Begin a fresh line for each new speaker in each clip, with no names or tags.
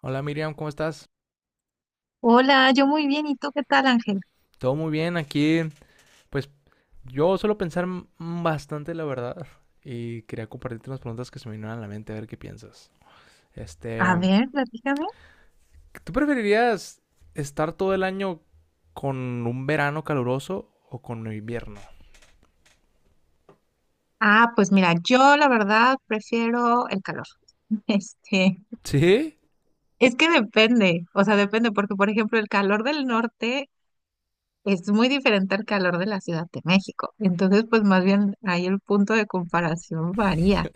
Hola Miriam, ¿cómo estás?
Hola, yo muy bien. ¿Y tú qué tal, Ángel?
Todo muy bien aquí. Pues yo suelo pensar bastante, la verdad, y quería compartirte unas preguntas que se me vinieron a la mente a ver qué piensas. Este,
A ver, platícame.
¿Tú preferirías estar todo el año con un verano caluroso o con un invierno?
Ah, pues mira, yo la verdad prefiero el calor. Este,
¿Sí?
es que depende, o sea, depende, porque por ejemplo, el calor del norte es muy diferente al calor de la Ciudad de México. Entonces, pues más bien ahí el punto de comparación varía.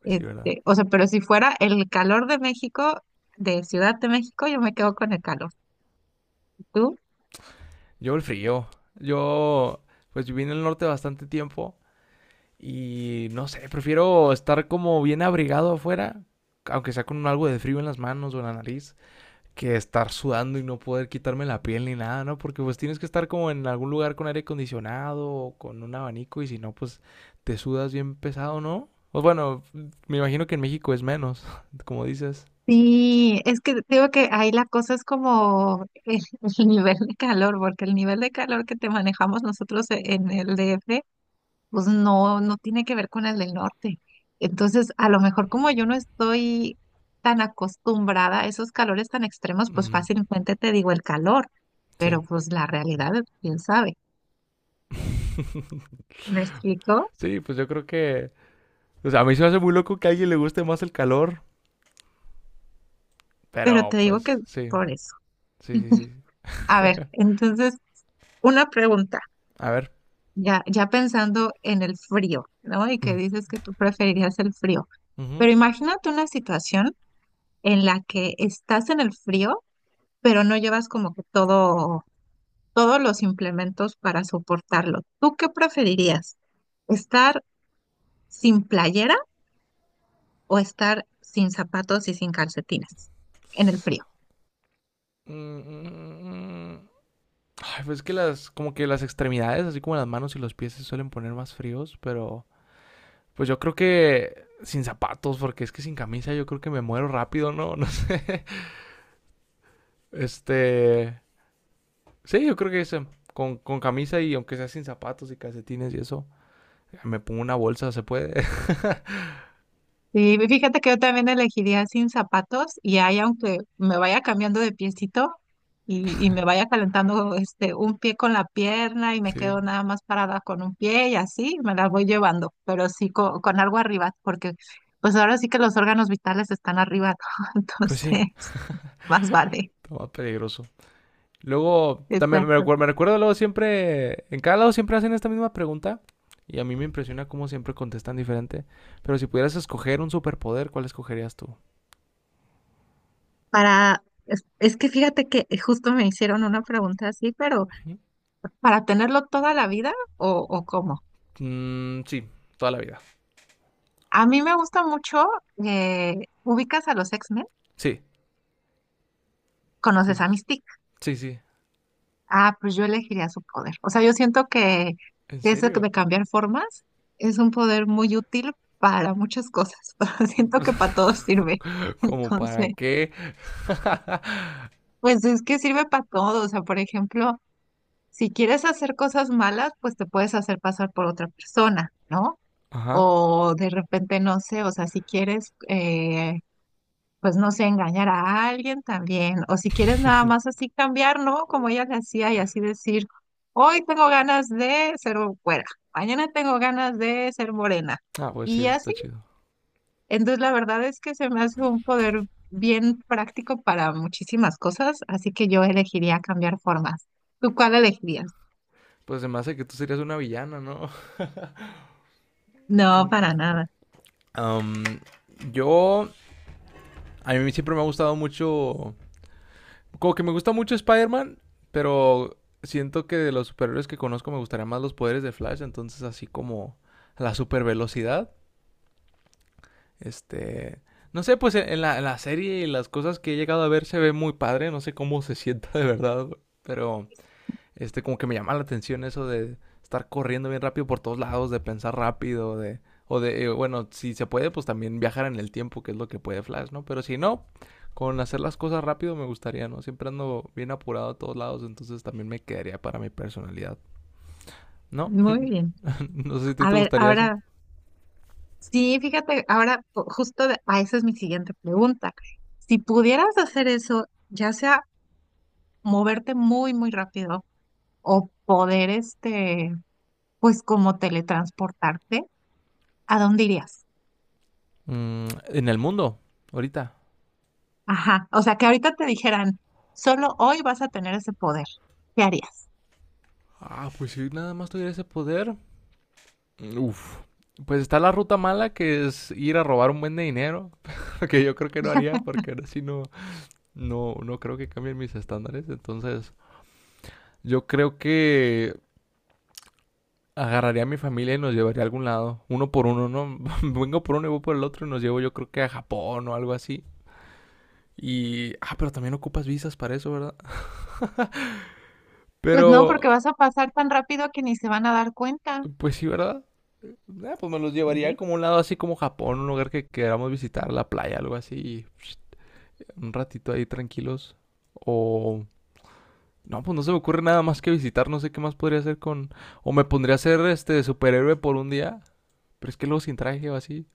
Pues sí, ¿verdad?
Este, o sea, pero si fuera el calor de México, de Ciudad de México, yo me quedo con el calor. ¿Y tú?
Yo el frío. Yo, pues viví en el norte bastante tiempo y no sé, prefiero estar como bien abrigado afuera, aunque sea con algo de frío en las manos o en la nariz que estar sudando y no poder quitarme la piel ni nada, ¿no? Porque pues tienes que estar como en algún lugar con aire acondicionado o con un abanico y si no, pues te sudas bien pesado, ¿no? Pues bueno, me imagino que en México es menos, como dices.
Sí, es que digo que ahí la cosa es como el nivel de calor, porque el nivel de calor que te manejamos nosotros en el DF, pues no, no tiene que ver con el del norte. Entonces, a lo mejor como yo no estoy tan acostumbrada a esos calores tan extremos, pues
Mm,
fácilmente te digo el calor,
sí.
pero pues la realidad, quién sabe. ¿Me explico?
Sí, pues yo creo que... O sea, a mí se me hace muy loco que a alguien le guste más el calor,
Pero
pero
te digo que
pues sí,
por eso.
sí, sí, sí.
A ver, entonces, una pregunta.
A ver.
Ya pensando en el frío, ¿no? Y que
Mm,
dices que tú preferirías el frío.
ujú.
Pero imagínate una situación en la que estás en el frío, pero no llevas como que todos los implementos para soportarlo. ¿Tú qué preferirías? ¿Estar sin playera o estar sin zapatos y sin calcetines en el frío?
Mm, mm, mm, Ay, pues es que las, como que las extremidades, así como las manos y los pies se suelen poner más fríos, pero pues yo creo que sin zapatos, porque es que sin camisa yo creo que me muero rápido, ¿no? No sé. Este, sí, yo creo que ese, con camisa y aunque sea sin zapatos y calcetines y eso, me pongo una bolsa, se puede.
Sí, fíjate que yo también elegiría sin zapatos y ahí aunque me vaya cambiando de piecito y me vaya calentando este un pie con la pierna y me
Sí,
quedo nada más parada con un pie y así me las voy llevando, pero sí con, algo arriba, porque pues ahora sí que los órganos vitales están arriba, ¿no?
pues sí,
Entonces más vale.
está más peligroso. Luego, también me
Exacto.
recuerdo, me recuerdo luego siempre, en cada lado siempre hacen esta misma pregunta y a mí me impresiona cómo siempre contestan diferente. Pero si pudieras escoger un superpoder, ¿cuál escogerías tú?
Es que fíjate que justo me hicieron una pregunta así, pero ¿para tenerlo toda la vida o cómo?
Mm, sí, toda la vida.
A mí me gusta mucho, eh, ubicas a los X-Men,
Sí, sí,
conoces
sí,
a
sí,
Mystique.
sí, sí.
Ah, pues yo elegiría su poder. O sea, yo siento que
¿En
ese
serio?
de cambiar formas es un poder muy útil para muchas cosas. Pero siento que para todo sirve.
¿Como
Entonces,
para qué?
pues es que sirve para todo. O sea, por ejemplo, si quieres hacer cosas malas, pues te puedes hacer pasar por otra persona, ¿no?
Ajá.
O de repente, no sé, o sea, si quieres... pues no sé, engañar a alguien también, o si quieres nada más así cambiar, ¿no? Como ella le hacía y así decir, hoy tengo ganas de ser güera, mañana tengo ganas de ser morena,
Ah, pues sí,
y
eso
así.
está chido.
Entonces la verdad es que se me hace un poder bien práctico para muchísimas cosas, así que yo elegiría cambiar formas. ¿Tú cuál elegirías?
Pues se me hace que tú serías una villana, ¿no?
No, para nada.
Am, yo, a mí siempre me ha gustado mucho. Como que me gusta mucho Spider-Man, pero siento que de los superhéroes que conozco me gustaría más los poderes de Flash, entonces así como la super velocidad. Este, no sé, pues en la serie y las cosas que he llegado a ver se ve muy padre, no sé cómo se sienta de verdad, güey, pero como que me llama la atención eso de estar corriendo bien rápido por todos lados, de pensar rápido, de. O de, bueno, si se puede, pues también viajar en el tiempo, que es lo que puede Flash, ¿no? Pero si no, con hacer las cosas rápido me gustaría, ¿no? Siempre ando bien apurado a todos lados, entonces también me quedaría para mi personalidad. ¿No?
Muy bien.
No sé si a ti
A
te
ver,
gustaría eso.
ahora... Sí, fíjate, ahora a esa es mi siguiente pregunta. Si pudieras hacer eso, ya sea moverte muy, muy rápido o poder, este, pues como teletransportarte, ¿a dónde irías?
En el mundo, ahorita.
Ajá, o sea, que ahorita te dijeran, solo hoy vas a tener ese poder, ¿qué harías?
Ah, pues si nada más tuviera ese poder, uf. Pues está la ruta mala que es ir a robar un buen de dinero, que yo creo que no haría porque ahora sí no, no, no creo que cambien mis estándares. Entonces, yo creo que agarraría a mi familia y nos llevaría a algún lado, uno por uno, ¿no? Vengo por uno y voy por el otro y nos llevo yo creo que a Japón o algo así. Y, ah, pero también ocupas visas para eso, ¿verdad?
Pues
Pero,
no, porque vas a pasar tan rápido que ni se van a dar cuenta.
pues sí, ¿verdad? Ah, pues me los
Yo
llevaría
digo,
como a un lado así como Japón, un lugar que queramos visitar, la playa, algo así, y, psh, un ratito ahí tranquilos. O no, pues no se me ocurre nada más que visitar, no sé qué más podría hacer con... O me pondría a ser este superhéroe por un día, pero es que luego sin traje o así.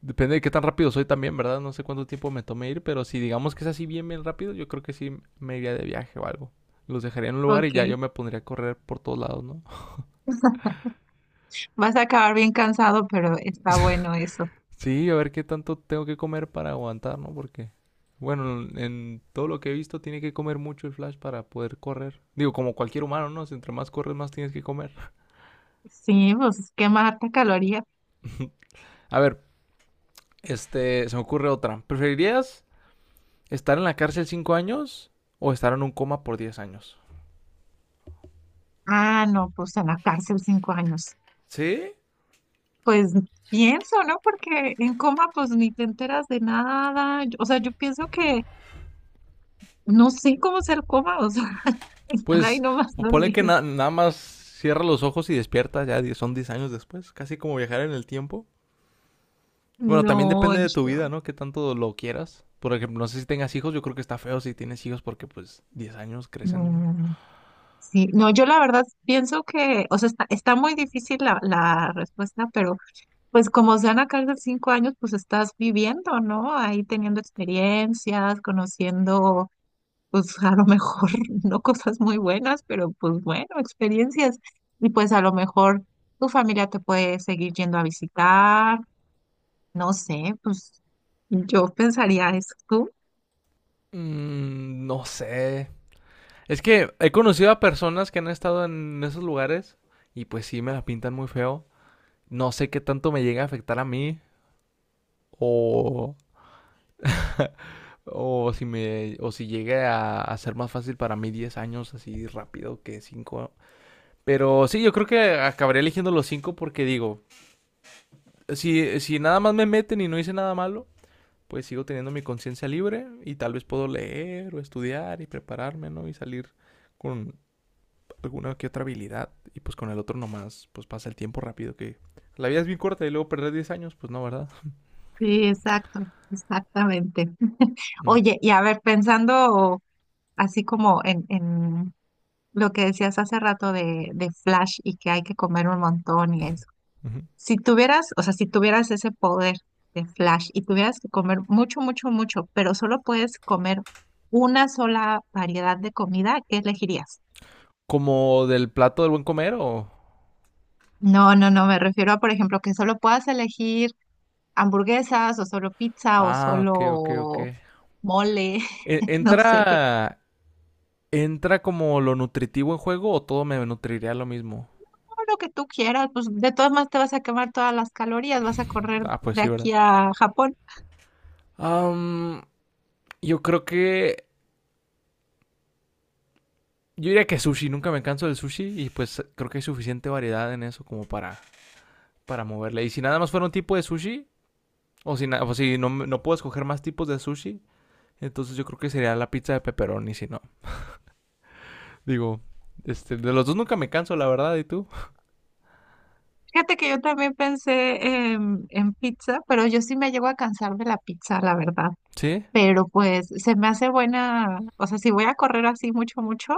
Depende de qué tan rápido soy también, ¿verdad? No sé cuánto tiempo me tome ir, pero si digamos que es así bien, bien rápido, yo creo que sí me iría de viaje o algo. Los dejaría en un lugar y ya
ok,
yo me pondría a correr por todos lados, ¿no?
vas a acabar bien cansado, pero está bueno eso.
Sí, a ver qué tanto tengo que comer para aguantar, ¿no? Porque, bueno, en todo lo que he visto tiene que comer mucho el Flash para poder correr. Digo, como cualquier humano, ¿no? Si entre más corres, más tienes que comer.
Sí, pues quemarte calorías.
A ver, se me ocurre otra. ¿Preferirías estar en la cárcel 5 años o estar en un coma por 10 años?
Ah, no, pues en la cárcel 5 años.
¿Sí?
Pues pienso, ¿no? Porque en coma pues ni te enteras de nada. O sea, yo pienso que no sé cómo ser coma, o sea, estar ahí
Pues,
nomás
ponle que
dormido.
nada más cierra los ojos y despierta, ya son 10 años después. Casi como viajar en el tiempo. Bueno, también
No,
depende de tu vida,
yo,
¿no? Qué tanto lo quieras. Por ejemplo, no sé si tengas hijos, yo creo que está feo si tienes hijos porque pues 10 años crecen, ¿no?
no. Sí, no, yo la verdad pienso que, o sea, está muy difícil la respuesta, pero pues como sean en cárcel 5 años, pues estás viviendo, ¿no? Ahí teniendo experiencias, conociendo pues a lo mejor no cosas muy buenas, pero pues bueno, experiencias. Y pues a lo mejor tu familia te puede seguir yendo a visitar, no sé, pues yo pensaría eso, tú.
Mm, no sé. Es que he conocido a personas que han estado en esos lugares y pues sí me la pintan muy feo. No sé qué tanto me llega a afectar a mí o o si me o si llegue a ser más fácil para mí 10 años así rápido que 5. Pero sí, yo creo que acabaré eligiendo los 5 porque digo, si nada más me meten y no hice nada malo, pues sigo teniendo mi conciencia libre y tal vez puedo leer o estudiar y prepararme, ¿no? Y salir con alguna que otra habilidad y pues con el otro nomás, pues pasa el tiempo rápido que la vida es bien corta y luego perder 10 años, pues no, ¿verdad?
Sí, exacto, exactamente.
Mm,
Oye, y a ver, pensando así como en lo que decías hace rato de Flash y que hay que comer un montón y eso.
ujú.
Si tuvieras, o sea, si tuvieras ese poder de Flash y tuvieras que comer mucho, mucho, mucho, pero solo puedes comer una sola variedad de comida, ¿qué elegirías?
¿Como del plato del buen comer o...?
No, no, no, me refiero a, por ejemplo, que solo puedas elegir hamburguesas o solo pizza o
Ah, ok, ok, ok.
solo mole, no sé, pero
¿Entra, entra como lo nutritivo en juego o todo me nutriría lo mismo?
todo lo que tú quieras, pues de todas maneras te vas a quemar todas las calorías, vas a correr
Ah, pues
de
sí, ¿verdad?
aquí a Japón.
Am, yo creo que yo diría que sushi, nunca me canso del sushi y pues creo que hay suficiente variedad en eso como para, moverle. Y si nada más fuera un tipo de sushi, o si, o si no, no puedo escoger más tipos de sushi, entonces yo creo que sería la pizza de pepperoni, si no. Digo, de los dos nunca me canso, la verdad, ¿y tú?
Fíjate que yo también pensé en pizza, pero yo sí me llego a cansar de la pizza, la verdad.
¿Sí?
Pero pues se me hace buena, o sea, si voy a correr así mucho, mucho,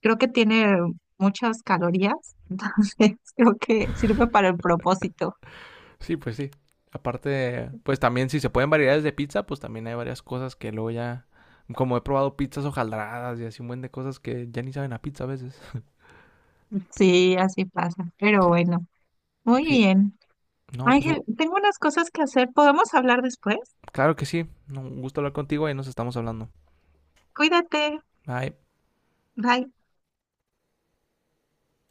creo que tiene muchas calorías, entonces creo que sirve para el propósito.
Sí, pues sí. Aparte, pues también si se pueden variedades de pizza, pues también hay varias cosas que luego ya... Como he probado pizzas hojaldradas y así un buen de cosas que ya ni saben a pizza a veces.
Sí, así pasa, pero
Sí,
bueno, muy
sí.
bien.
No, pues
Ángel, tengo unas cosas que hacer, ¿podemos hablar después?
claro que sí. Un gusto hablar contigo y nos estamos hablando.
Cuídate,
Bye.
bye.